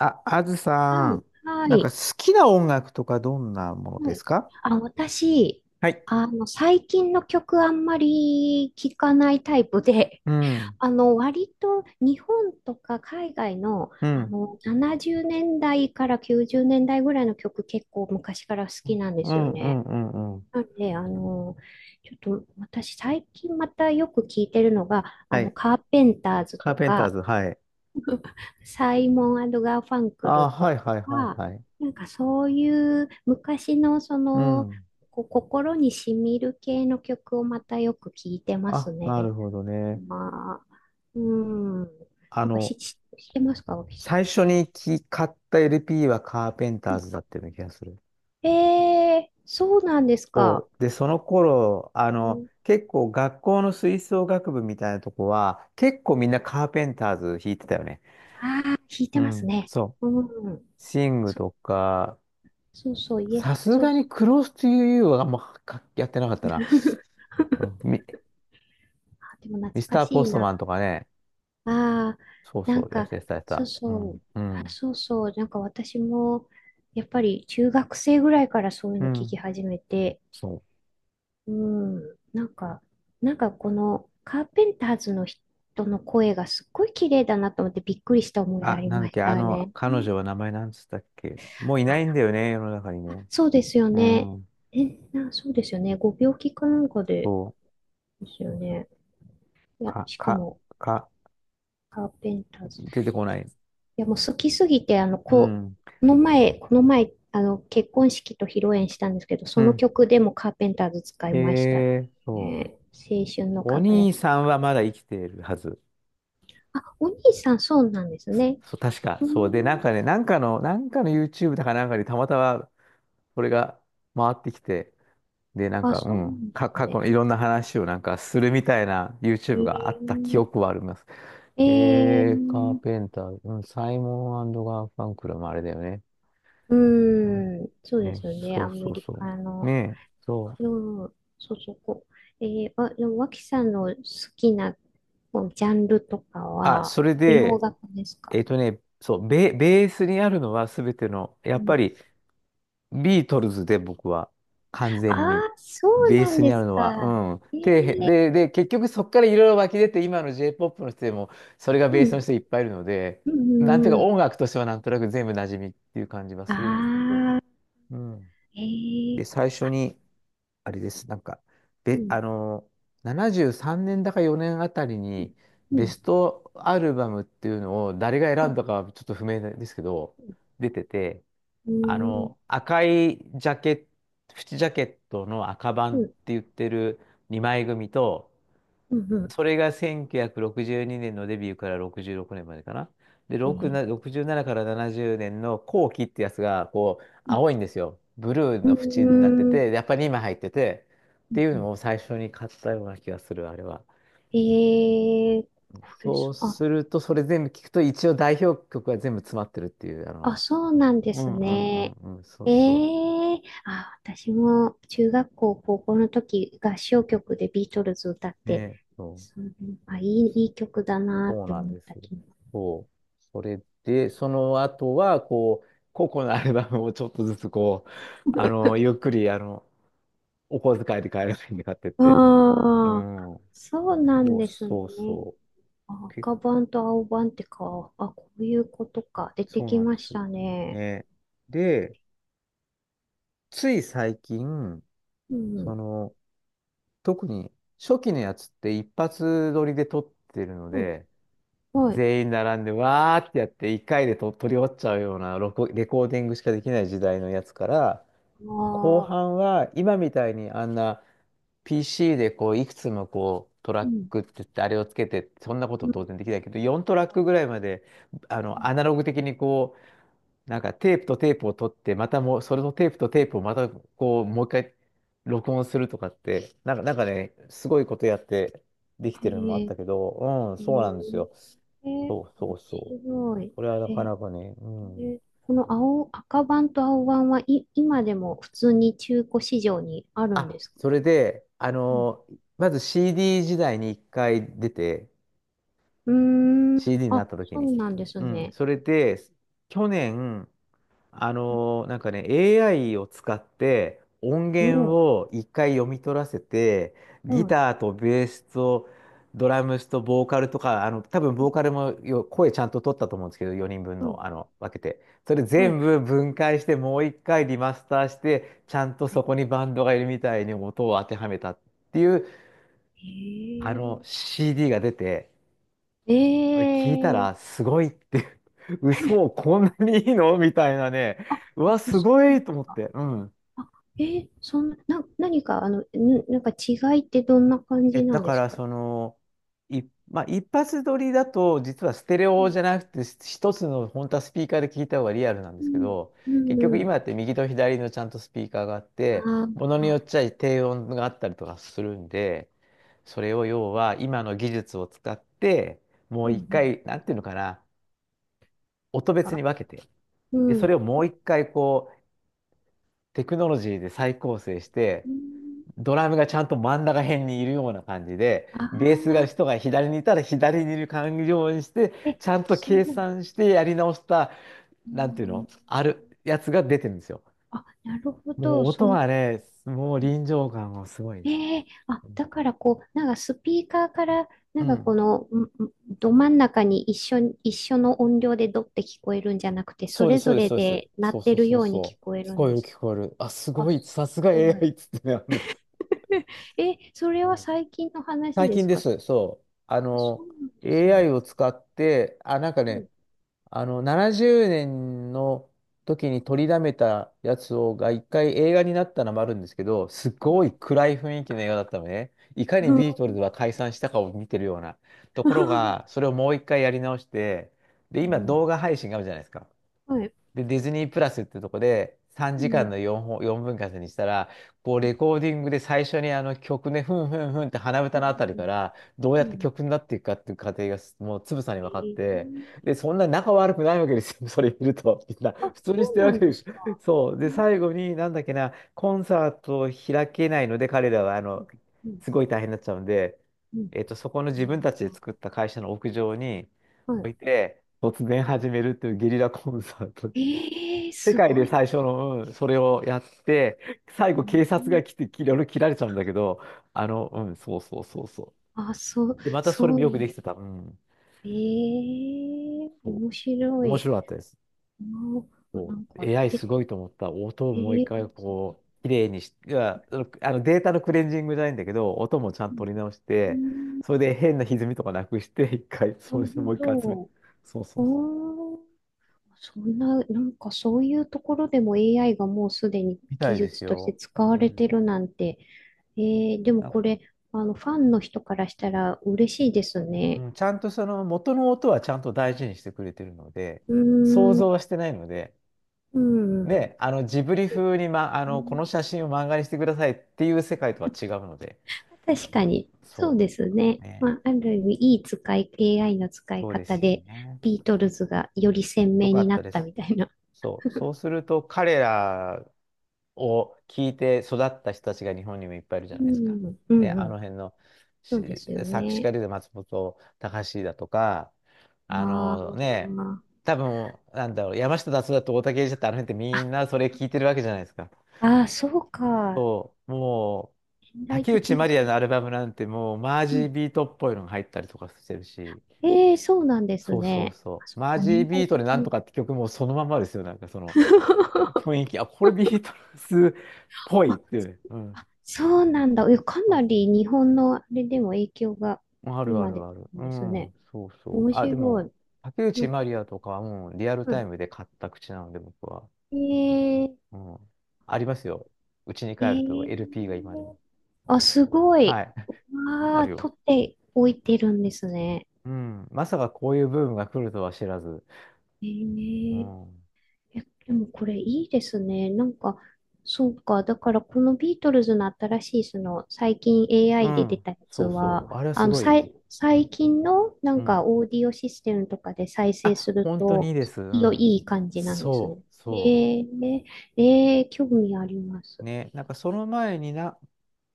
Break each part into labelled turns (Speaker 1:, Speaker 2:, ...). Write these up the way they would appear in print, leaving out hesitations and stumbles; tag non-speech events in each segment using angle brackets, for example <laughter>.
Speaker 1: あ、あず
Speaker 2: は
Speaker 1: さ
Speaker 2: い、
Speaker 1: ん、
Speaker 2: は
Speaker 1: なんか
Speaker 2: い、
Speaker 1: 好きな音楽とかどんなもの
Speaker 2: は
Speaker 1: です
Speaker 2: い。
Speaker 1: か？
Speaker 2: あ、私、
Speaker 1: はい。
Speaker 2: 最近の曲あんまり聞かないタイプで、
Speaker 1: う
Speaker 2: <laughs>
Speaker 1: ん、
Speaker 2: 割と日本とか海外の、
Speaker 1: うん、
Speaker 2: 70年代から90年代ぐらいの曲結構昔から好きなんで
Speaker 1: う
Speaker 2: すよ
Speaker 1: ん、う
Speaker 2: ね。
Speaker 1: ん、うん、うん。
Speaker 2: なんで、ちょっと私最近またよく聞いてるのが、
Speaker 1: はい。
Speaker 2: カーペンターズ
Speaker 1: カー
Speaker 2: と
Speaker 1: ペンター
Speaker 2: か、
Speaker 1: ズ、はい。
Speaker 2: サイモン・アド・ガーファンクル
Speaker 1: あ、
Speaker 2: と
Speaker 1: はい、はい、はい、
Speaker 2: か、
Speaker 1: はい。
Speaker 2: なんかそういう昔のそ
Speaker 1: う
Speaker 2: の、
Speaker 1: ん。
Speaker 2: こう心に染みる系の曲をまたよく聞いてます
Speaker 1: あ、な
Speaker 2: ね。
Speaker 1: るほどね。
Speaker 2: まあ、うん。
Speaker 1: あ
Speaker 2: なんか
Speaker 1: の、
Speaker 2: し知ってますか、脇さん。
Speaker 1: 最初に買った LP はカーペン
Speaker 2: う
Speaker 1: ター
Speaker 2: ん。
Speaker 1: ズだったような気がする。
Speaker 2: そうなんですか。
Speaker 1: そう。で、その頃、あ
Speaker 2: う
Speaker 1: の、
Speaker 2: ん、
Speaker 1: 結構学校の吹奏楽部みたいなとこは、結構みんなカーペンターズ弾いてたよね。
Speaker 2: ああ、弾い
Speaker 1: う
Speaker 2: てます
Speaker 1: ん、
Speaker 2: ね。
Speaker 1: そう。
Speaker 2: うん。
Speaker 1: シング
Speaker 2: そ、
Speaker 1: とか、
Speaker 2: そうそう、イエス、
Speaker 1: さす
Speaker 2: そ
Speaker 1: が
Speaker 2: うそ
Speaker 1: に
Speaker 2: う。
Speaker 1: クロスというはあんまかやってなかったな。
Speaker 2: <laughs>
Speaker 1: うんミ、
Speaker 2: あ、でも
Speaker 1: ミス
Speaker 2: 懐か
Speaker 1: ター
Speaker 2: し
Speaker 1: ポ
Speaker 2: い
Speaker 1: スト
Speaker 2: な。
Speaker 1: マンとかね。
Speaker 2: ああ、
Speaker 1: そう
Speaker 2: なん
Speaker 1: そう、やっ
Speaker 2: か、
Speaker 1: てた、やって
Speaker 2: そう
Speaker 1: た。う
Speaker 2: そう、
Speaker 1: ん、う
Speaker 2: あ、
Speaker 1: ん、
Speaker 2: そうそう、なんか私も、やっぱり中学生ぐらいからそういう
Speaker 1: う
Speaker 2: の聞き
Speaker 1: ん。
Speaker 2: 始めて、
Speaker 1: そう。
Speaker 2: うん、なんかこのカーペンターズの人の声がすっごい綺麗だなと思ってびっくりした思い出
Speaker 1: あ、
Speaker 2: あり
Speaker 1: なんだっ
Speaker 2: まし
Speaker 1: け、あ
Speaker 2: た
Speaker 1: の、
Speaker 2: ね。う
Speaker 1: 彼
Speaker 2: ん。
Speaker 1: 女は名前なんつったっけ。もういないん
Speaker 2: あ、
Speaker 1: だよね、世の中にね。
Speaker 2: そうですよ
Speaker 1: う
Speaker 2: ね。
Speaker 1: ん、
Speaker 2: え、そうですよね。ご病気かなんかで
Speaker 1: そ
Speaker 2: ですよ
Speaker 1: う。
Speaker 2: ね。いや、
Speaker 1: か、
Speaker 2: しか
Speaker 1: か、
Speaker 2: も、
Speaker 1: か、
Speaker 2: カーペンターズ、
Speaker 1: 出てこない。
Speaker 2: いや、もう好きすぎて、
Speaker 1: う
Speaker 2: こ
Speaker 1: ん、
Speaker 2: う、この前、結婚式と披露宴したんですけど、そ
Speaker 1: う
Speaker 2: の
Speaker 1: ん。
Speaker 2: 曲でもカーペンターズ使い
Speaker 1: え
Speaker 2: ました
Speaker 1: え、そ
Speaker 2: ね。青春の
Speaker 1: う。お
Speaker 2: 輝
Speaker 1: 兄
Speaker 2: きと
Speaker 1: さん
Speaker 2: か。
Speaker 1: はまだ生きているはず。
Speaker 2: あ、お兄さんそうなんですね。
Speaker 1: そう、確か。
Speaker 2: うー
Speaker 1: そう。で、なん
Speaker 2: ん。
Speaker 1: かね、なんかの YouTube だかなんかにたまたまそれが回ってきて、で、なん
Speaker 2: あ、
Speaker 1: か、う
Speaker 2: そうな
Speaker 1: ん、
Speaker 2: んです
Speaker 1: 過去
Speaker 2: ね。
Speaker 1: のいろんな話をなんかするみたいな YouTube があった
Speaker 2: え
Speaker 1: 記憶はあります。
Speaker 2: ー、え
Speaker 1: カー
Speaker 2: ー、
Speaker 1: ペンター、うん、サイモンガーファンクルもあれだよね。
Speaker 2: う
Speaker 1: うん
Speaker 2: ーん、そうで
Speaker 1: ね、
Speaker 2: すよね。
Speaker 1: そ
Speaker 2: ア
Speaker 1: うそ
Speaker 2: メ
Speaker 1: う
Speaker 2: リ
Speaker 1: そ
Speaker 2: カ
Speaker 1: う。ね
Speaker 2: の。
Speaker 1: え、そう。
Speaker 2: うん、そうそう、こう。あ、でも、脇さんの好きなこうジャンルとか
Speaker 1: あ、
Speaker 2: は、
Speaker 1: それ
Speaker 2: 洋
Speaker 1: で、
Speaker 2: 楽ですか？
Speaker 1: そう、ベースにあるのは全ての、や
Speaker 2: う
Speaker 1: っ
Speaker 2: ん。
Speaker 1: ぱりビートルズで僕は完
Speaker 2: あ
Speaker 1: 全に
Speaker 2: あ、そう
Speaker 1: ベー
Speaker 2: なん
Speaker 1: スに
Speaker 2: で
Speaker 1: あ
Speaker 2: す
Speaker 1: るのは、
Speaker 2: か。
Speaker 1: うん。
Speaker 2: え
Speaker 1: 底辺
Speaker 2: え。
Speaker 1: で、結局そこからいろいろ湧き出て今の J-POP の人でもそれがベ
Speaker 2: う
Speaker 1: ースの
Speaker 2: ん、
Speaker 1: 人いっぱいいるので、
Speaker 2: う
Speaker 1: なんてい
Speaker 2: ん、
Speaker 1: うか
Speaker 2: うん。
Speaker 1: 音楽としてはなんとなく全部馴染みっていう感じは
Speaker 2: あ
Speaker 1: するんですけど、
Speaker 2: あ。
Speaker 1: うん。
Speaker 2: え
Speaker 1: で、
Speaker 2: え。
Speaker 1: 最初に、あれです、なんか、
Speaker 2: うん、
Speaker 1: あの、73年だか4年あたり
Speaker 2: う
Speaker 1: に
Speaker 2: ん、う
Speaker 1: ベ
Speaker 2: ん、
Speaker 1: ストアルバムっていうのを誰が選んだかはちょっと不明ですけど、出てて、
Speaker 2: う
Speaker 1: あ
Speaker 2: ん、うん、
Speaker 1: の、赤いジャケット、縁ジャケットの赤版っ
Speaker 2: う
Speaker 1: て言ってる2枚組と、
Speaker 2: ん、うん。
Speaker 1: それが1962年のデビューから66年までかな。で、
Speaker 2: え
Speaker 1: 6な
Speaker 2: え。
Speaker 1: 67から70年の後期ってやつが、こう、
Speaker 2: うん、
Speaker 1: 青いんですよ。ブルー
Speaker 2: う
Speaker 1: の縁になって
Speaker 2: ん、うん。
Speaker 1: て、やっぱり今入ってて、っ
Speaker 2: う
Speaker 1: ていうの
Speaker 2: ん。
Speaker 1: を最初に買ったような気がする、あれは。
Speaker 2: ええ。これ
Speaker 1: そう
Speaker 2: そう、あ、
Speaker 1: すると、それ全部聞くと、一応代表曲が全部詰まってるっていう、あの、
Speaker 2: そうなん
Speaker 1: う
Speaker 2: です
Speaker 1: んうんう
Speaker 2: ね。
Speaker 1: んうん、そう
Speaker 2: え
Speaker 1: そ
Speaker 2: え。あ、私も中学校、高校の時、合唱曲でビートルズ歌っ
Speaker 1: う。ね
Speaker 2: て、
Speaker 1: え、そう。
Speaker 2: そう、あ、いい曲だなっ
Speaker 1: そう
Speaker 2: て
Speaker 1: なん
Speaker 2: 思っ
Speaker 1: です。
Speaker 2: た気も。
Speaker 1: そう。それで、その後は、こう、個々のアルバムをちょっとずつ、こう、あ
Speaker 2: <laughs>
Speaker 1: の、ゆっくり、あの、お小遣いで買えるんで買ってって。う
Speaker 2: ああ、
Speaker 1: ん。
Speaker 2: そうなん
Speaker 1: そう
Speaker 2: ですね。
Speaker 1: そうそう。
Speaker 2: あ、赤版と青版ってか、あ、こういうことか。出て
Speaker 1: そう
Speaker 2: き
Speaker 1: なんで
Speaker 2: まし
Speaker 1: す。
Speaker 2: たね。
Speaker 1: ね。で、つい最近、
Speaker 2: う
Speaker 1: そ
Speaker 2: ん。
Speaker 1: の、特に初期のやつって一発撮りで撮ってるの
Speaker 2: うん。
Speaker 1: で、
Speaker 2: はい。
Speaker 1: 全員並んで、わーってやって、一回でと取り終わっちゃうようなレコーディングしかできない時代のやつから、後
Speaker 2: ああ、
Speaker 1: 半は今みたいにあんな PC でこういくつもこうト
Speaker 2: う
Speaker 1: ラッ
Speaker 2: ん。
Speaker 1: クって言ってあれをつけてそんなこ
Speaker 2: う
Speaker 1: と
Speaker 2: ん。
Speaker 1: 当然できないけど4トラックぐらいまであ
Speaker 2: う
Speaker 1: の
Speaker 2: ん。
Speaker 1: アナログ的にこうなんかテープとテープを取ってまたもうそれのテープとテープをまたこうもう一回録音するとかってなんかねすごいことやってでき
Speaker 2: へ
Speaker 1: てるのもあっ
Speaker 2: え、
Speaker 1: たけど、うん、そうなんです
Speaker 2: へ
Speaker 1: よ。
Speaker 2: え、え
Speaker 1: そうそうそう。
Speaker 2: 白い。
Speaker 1: これはなか
Speaker 2: え
Speaker 1: なかね、うん。
Speaker 2: え、この青、赤版と青版、はい、今でも普通に中古市場にあるんで
Speaker 1: あ、
Speaker 2: す
Speaker 1: そ
Speaker 2: か？
Speaker 1: れで、あ
Speaker 2: うん。
Speaker 1: のー、まず CD 時代に一回出て、
Speaker 2: うーん。
Speaker 1: CD にな
Speaker 2: あ、
Speaker 1: った時
Speaker 2: そ
Speaker 1: に。
Speaker 2: うなんです
Speaker 1: うん、
Speaker 2: ね。
Speaker 1: それで、去年、あ
Speaker 2: うん。
Speaker 1: のー、なんかね、AI を使って音
Speaker 2: う
Speaker 1: 源
Speaker 2: ん。
Speaker 1: を一回読み取らせて、
Speaker 2: う
Speaker 1: ギ
Speaker 2: ん。
Speaker 1: ターとベースとドラムスとボーカルとか、あの、多分ボーカルも声ちゃんと取ったと思うんですけど、4人分
Speaker 2: うん。
Speaker 1: の、あの、分けて。それ
Speaker 2: は
Speaker 1: 全
Speaker 2: い。
Speaker 1: 部分解して、もう一回リマスターして、ちゃんとそこにバンドがいるみたいに音を当てはめたっていう、
Speaker 2: へ
Speaker 1: あの、
Speaker 2: え。
Speaker 1: CD が出て、あれ聞いた
Speaker 2: え
Speaker 1: ら、
Speaker 2: え。
Speaker 1: すごいって、 <laughs> 嘘、こんなにいいのみたいなね。
Speaker 2: あ、
Speaker 1: う
Speaker 2: あ、
Speaker 1: わ、す
Speaker 2: そ
Speaker 1: ご
Speaker 2: うな
Speaker 1: い
Speaker 2: んで
Speaker 1: と
Speaker 2: す
Speaker 1: 思っ
Speaker 2: か。
Speaker 1: て。うん。
Speaker 2: あ、そんな、何か、なんか違いってどんな感
Speaker 1: え、
Speaker 2: じな
Speaker 1: だ
Speaker 2: んで
Speaker 1: か
Speaker 2: す
Speaker 1: ら、
Speaker 2: か？
Speaker 1: その、い、まあ、一発撮りだと、実はステレ
Speaker 2: う
Speaker 1: オじ
Speaker 2: ん、
Speaker 1: ゃなくて、一つの、本当はスピーカーで聞いた方がリアルなんで
Speaker 2: う
Speaker 1: すけ
Speaker 2: ん、
Speaker 1: ど、
Speaker 2: う
Speaker 1: 結
Speaker 2: ん、
Speaker 1: 局
Speaker 2: うん。
Speaker 1: 今って右と左のちゃんとスピーカーがあっ
Speaker 2: あ
Speaker 1: て、
Speaker 2: ー、
Speaker 1: ものによっ
Speaker 2: あ。
Speaker 1: ちゃ低音があったりとかするんで、それを要は今の技術を使って、も
Speaker 2: う
Speaker 1: う
Speaker 2: ん、う
Speaker 1: 一
Speaker 2: ん、
Speaker 1: 回、なんていうのかな、音別に
Speaker 2: か、
Speaker 1: 分けて、
Speaker 2: う
Speaker 1: で、それ
Speaker 2: ん、
Speaker 1: をもう一回こう、テクノロジーで再構成し
Speaker 2: う
Speaker 1: て、
Speaker 2: ん、
Speaker 1: ドラムがちゃんと真ん中辺にいるような感じで、
Speaker 2: あ
Speaker 1: ベースが
Speaker 2: あ、
Speaker 1: 人が左にいたら左にいる感じようにして、
Speaker 2: え、
Speaker 1: ちゃんと
Speaker 2: す
Speaker 1: 計
Speaker 2: ごい。
Speaker 1: 算してやり直した、
Speaker 2: う
Speaker 1: なんていう
Speaker 2: ん、
Speaker 1: の、あるやつが出てるんですよ。
Speaker 2: あ、なるほ
Speaker 1: も
Speaker 2: ど、
Speaker 1: う
Speaker 2: そ
Speaker 1: 音
Speaker 2: の、うん。
Speaker 1: はね、もう臨場感がすごい。
Speaker 2: ええ。あ、だからこう、なんかスピーカーから、な
Speaker 1: う
Speaker 2: んか
Speaker 1: ん。
Speaker 2: この、ど真ん中に一緒に、一緒の音量でドって聞こえるんじゃなくて、そ
Speaker 1: そうで
Speaker 2: れ
Speaker 1: す、そう
Speaker 2: ぞ
Speaker 1: です、
Speaker 2: れ
Speaker 1: そうで
Speaker 2: で
Speaker 1: す。
Speaker 2: 鳴
Speaker 1: そ
Speaker 2: っ
Speaker 1: う
Speaker 2: て
Speaker 1: そう
Speaker 2: る
Speaker 1: そう
Speaker 2: ように聞
Speaker 1: そ
Speaker 2: こえ
Speaker 1: う。聞
Speaker 2: るん
Speaker 1: こえ
Speaker 2: で
Speaker 1: る、
Speaker 2: す。
Speaker 1: 聞こえる。あ、す
Speaker 2: あ、
Speaker 1: ごい、
Speaker 2: す
Speaker 1: さすが
Speaker 2: ご
Speaker 1: AI
Speaker 2: い。
Speaker 1: っつってね。あのね、
Speaker 2: <laughs> え、それ
Speaker 1: う
Speaker 2: は
Speaker 1: ん、
Speaker 2: 最近の話
Speaker 1: 最
Speaker 2: で
Speaker 1: 近
Speaker 2: す
Speaker 1: で
Speaker 2: か？
Speaker 1: す、そう。あ
Speaker 2: あ、そ
Speaker 1: の、
Speaker 2: うなんですね。
Speaker 1: AI を使って、あ、なんか
Speaker 2: う
Speaker 1: ね、
Speaker 2: ん。
Speaker 1: あの、70年の時に取りだめたやつが一回映画になったのもあるんですけど、す
Speaker 2: はい。
Speaker 1: ごい暗い雰囲気の映画だったのね。いかにビートルズは解散したかを見てるようなところが、
Speaker 2: <laughs>
Speaker 1: それをもう一回やり直して、で、
Speaker 2: う
Speaker 1: 今
Speaker 2: ん。
Speaker 1: 動画配信があるじゃないですか。
Speaker 2: はい。
Speaker 1: で、ディズニープラスってとこで3
Speaker 2: う
Speaker 1: 時間
Speaker 2: ん。
Speaker 1: の4本、4分割にしたら、こう
Speaker 2: うん。
Speaker 1: レコーディングで最初にあの曲ね、ふんふんふんって鼻
Speaker 2: う
Speaker 1: 歌
Speaker 2: ん。
Speaker 1: のあたり
Speaker 2: う
Speaker 1: か
Speaker 2: ん。
Speaker 1: ら、どうや
Speaker 2: うん。
Speaker 1: っ
Speaker 2: う
Speaker 1: て
Speaker 2: ん。
Speaker 1: 曲になっていくかっていう過程がもうつぶさに分かって、
Speaker 2: え
Speaker 1: で、そんな仲悪くないわけですよ。<laughs> それ見ると、みんな普
Speaker 2: あ、
Speaker 1: 通にし
Speaker 2: そう
Speaker 1: てるわ
Speaker 2: なん
Speaker 1: けで
Speaker 2: で
Speaker 1: す。
Speaker 2: すか。
Speaker 1: そう。
Speaker 2: う
Speaker 1: で、
Speaker 2: ん。
Speaker 1: 最後になんだっけな、コンサートを開けないので、彼らはあ
Speaker 2: う
Speaker 1: の、
Speaker 2: ん。うん。
Speaker 1: すごい大変になっちゃうんで、そこの
Speaker 2: う
Speaker 1: 自分
Speaker 2: ん。
Speaker 1: たちで作った会社の屋上に
Speaker 2: あ
Speaker 1: 置い
Speaker 2: ー。
Speaker 1: て、突然始めるっていうゲリラコンサート。
Speaker 2: ええ。
Speaker 1: 世
Speaker 2: す
Speaker 1: 界
Speaker 2: ご
Speaker 1: で
Speaker 2: い。
Speaker 1: 最初の、うん、それをやって、最
Speaker 2: う
Speaker 1: 後警察
Speaker 2: ん。
Speaker 1: が来て、いろいろ切られちゃうんだけど、あの、うん、そうそうそうそう。
Speaker 2: あ、そう、
Speaker 1: で、またそれ
Speaker 2: そ
Speaker 1: も
Speaker 2: う。
Speaker 1: よくできてた。うん、
Speaker 2: ええ。
Speaker 1: そ
Speaker 2: 面白
Speaker 1: う。面
Speaker 2: い。
Speaker 1: 白かったです。
Speaker 2: あ、
Speaker 1: そ
Speaker 2: な
Speaker 1: う。
Speaker 2: んか、
Speaker 1: AI
Speaker 2: で、
Speaker 1: すごいと思った。音をもう一
Speaker 2: ええ。
Speaker 1: 回、こう、綺麗にし、いや、そのあのデータのクレンジングじゃないんだけど、音もちゃんと取り直し
Speaker 2: う
Speaker 1: て、
Speaker 2: ん。
Speaker 1: それで変な歪みとかなくして、一回、
Speaker 2: な
Speaker 1: そう
Speaker 2: る
Speaker 1: してもう一回集め、
Speaker 2: ほど。
Speaker 1: そうそうそう。
Speaker 2: おー。そんな、なんかそういうところでも AI がもうすでに
Speaker 1: みた
Speaker 2: 技
Speaker 1: いです
Speaker 2: 術として
Speaker 1: よ。
Speaker 2: 使
Speaker 1: う
Speaker 2: われて
Speaker 1: ん。
Speaker 2: るなんて。えでも
Speaker 1: なんか、
Speaker 2: これ、ファンの人からしたら嬉しいですね。
Speaker 1: うん、ちゃんとその元の音はちゃんと大事にしてくれてるので、
Speaker 2: う
Speaker 1: 想
Speaker 2: ー
Speaker 1: 像
Speaker 2: ん、
Speaker 1: はしてないので、
Speaker 2: うん。
Speaker 1: ね、あのジブリ風に、ま、あのこの写真を漫画にしてくださいっていう世界とは違うので、
Speaker 2: 確かに。そう
Speaker 1: そ
Speaker 2: ですね。
Speaker 1: う、ね、
Speaker 2: まあ、ある意味、いい使い、AI の使い
Speaker 1: そうで
Speaker 2: 方
Speaker 1: すよ
Speaker 2: で、
Speaker 1: ね。
Speaker 2: ビートルズがより鮮
Speaker 1: よ
Speaker 2: 明
Speaker 1: か
Speaker 2: に
Speaker 1: っ
Speaker 2: な
Speaker 1: た
Speaker 2: っ
Speaker 1: で
Speaker 2: た
Speaker 1: す。
Speaker 2: みたいな。
Speaker 1: そう、そうすると彼らを聞いて育った人たちが日本にもいっぱいいるじ
Speaker 2: う
Speaker 1: ゃないですか。
Speaker 2: ん、う
Speaker 1: ね、
Speaker 2: ん、う
Speaker 1: あの
Speaker 2: ん。
Speaker 1: 辺の
Speaker 2: そ
Speaker 1: し
Speaker 2: うですよ
Speaker 1: 作詞
Speaker 2: ね。
Speaker 1: 家で言うと松本隆だとか、
Speaker 2: あ
Speaker 1: あのね、
Speaker 2: ー
Speaker 1: 多分、なんだろう、山下達郎と大竹英二だってあの辺って
Speaker 2: あ、
Speaker 1: みんなそれ聞いてるわけじゃないですか。
Speaker 2: あー、そうか。
Speaker 1: そう、もう、
Speaker 2: 年代
Speaker 1: 竹
Speaker 2: 的
Speaker 1: 内ま
Speaker 2: に
Speaker 1: り
Speaker 2: そ
Speaker 1: や
Speaker 2: う。
Speaker 1: のアルバムなんてもうマージ
Speaker 2: う
Speaker 1: ー
Speaker 2: ん。
Speaker 1: ビートっぽいのが入ったりとかしてるし、
Speaker 2: ええ。そうなんです
Speaker 1: そうそう
Speaker 2: ね。
Speaker 1: そ
Speaker 2: あ、そ
Speaker 1: う。
Speaker 2: う
Speaker 1: マー
Speaker 2: か、
Speaker 1: ジー
Speaker 2: 年
Speaker 1: ビ
Speaker 2: 代
Speaker 1: ートで
Speaker 2: 的
Speaker 1: なんと
Speaker 2: に。
Speaker 1: かって曲もそのまんまですよ。なんかその雰囲
Speaker 2: <laughs>
Speaker 1: 気。あ、これビートルズっぽいっ
Speaker 2: あ、
Speaker 1: ていう。うん。
Speaker 2: そうなんだ。え、か
Speaker 1: そ
Speaker 2: な
Speaker 1: うそう、
Speaker 2: り日本のあれでも影響が
Speaker 1: あるあ
Speaker 2: 今
Speaker 1: る
Speaker 2: で
Speaker 1: ある。う
Speaker 2: ですね。
Speaker 1: ん、そうそう。
Speaker 2: 面
Speaker 1: あ、で
Speaker 2: 白
Speaker 1: も、
Speaker 2: い。
Speaker 1: 竹
Speaker 2: なん
Speaker 1: 内ま
Speaker 2: か、
Speaker 1: りやとかはもうリアル
Speaker 2: う
Speaker 1: タイ
Speaker 2: ん。
Speaker 1: ムで買った口なので、僕は。
Speaker 2: ええ
Speaker 1: うん。ありますよ。うちに帰ると
Speaker 2: え
Speaker 1: LP が今
Speaker 2: え、
Speaker 1: でも。
Speaker 2: あ、すご
Speaker 1: は
Speaker 2: い。
Speaker 1: い。<laughs>
Speaker 2: わ
Speaker 1: あ
Speaker 2: あ、
Speaker 1: るよ。
Speaker 2: 取っておいてるんですね。
Speaker 1: うん。まさかこういうブームが来るとは知らず。
Speaker 2: え
Speaker 1: う
Speaker 2: え
Speaker 1: ん。
Speaker 2: え、でもこれいいですね。なんか、そうか。だからこのビートルズの新しい、最近
Speaker 1: う
Speaker 2: AI で出
Speaker 1: ん。
Speaker 2: たやつ
Speaker 1: そうそう。
Speaker 2: は、
Speaker 1: あれはすごい。
Speaker 2: 最近のな
Speaker 1: う
Speaker 2: んか
Speaker 1: ん。
Speaker 2: オーディオシステムとかで再生
Speaker 1: あ、
Speaker 2: する
Speaker 1: 本当にい
Speaker 2: と、
Speaker 1: いです。う
Speaker 2: いいよ、
Speaker 1: ん。
Speaker 2: いい感じなんですね。
Speaker 1: そう、そ
Speaker 2: ええええ、興味ありま
Speaker 1: う。
Speaker 2: す。
Speaker 1: ね。なんかその前にな、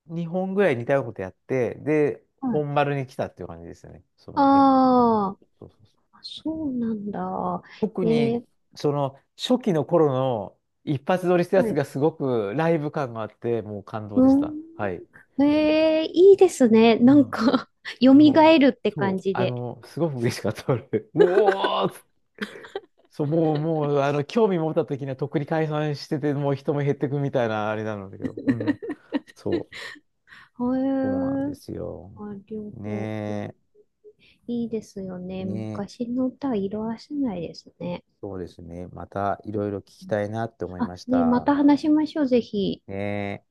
Speaker 1: 2本ぐらい似たようなことやって、で、
Speaker 2: はい。
Speaker 1: 本丸に来たっていう感じですよね。その、に、うん。
Speaker 2: あ
Speaker 1: そうそうそう。
Speaker 2: あ、そうなんだ。
Speaker 1: 特
Speaker 2: え
Speaker 1: に、
Speaker 2: ー
Speaker 1: その、初期の頃の一発撮りしたや
Speaker 2: は
Speaker 1: つ
Speaker 2: い。
Speaker 1: がすごくライブ感があって、もう感動
Speaker 2: う
Speaker 1: でし
Speaker 2: ん。
Speaker 1: た。はい。
Speaker 2: ええ。いいですね。
Speaker 1: う
Speaker 2: なん
Speaker 1: ん。
Speaker 2: か <laughs> 蘇
Speaker 1: もうね、
Speaker 2: るって
Speaker 1: そ
Speaker 2: 感
Speaker 1: う、
Speaker 2: じ
Speaker 1: あ
Speaker 2: で。
Speaker 1: の、すごく嬉しかった。俺、 <laughs> うおーっつ、そう、もう、あの、興味持った時にはとっくに解散してて、もう人も減ってくみたいな、あれなんだけど。うん。そう、
Speaker 2: へ
Speaker 1: そうなんで
Speaker 2: え。
Speaker 1: すよ。
Speaker 2: あ、両方。
Speaker 1: ね
Speaker 2: いいですよ
Speaker 1: え。
Speaker 2: ね。
Speaker 1: ねえ。
Speaker 2: 昔の歌は色褪せないですね。
Speaker 1: そうですね。またいろいろ聞きたいなって思い
Speaker 2: あ、
Speaker 1: まし
Speaker 2: ね、ま
Speaker 1: た。
Speaker 2: た話しましょう、ぜひ。
Speaker 1: ねえ。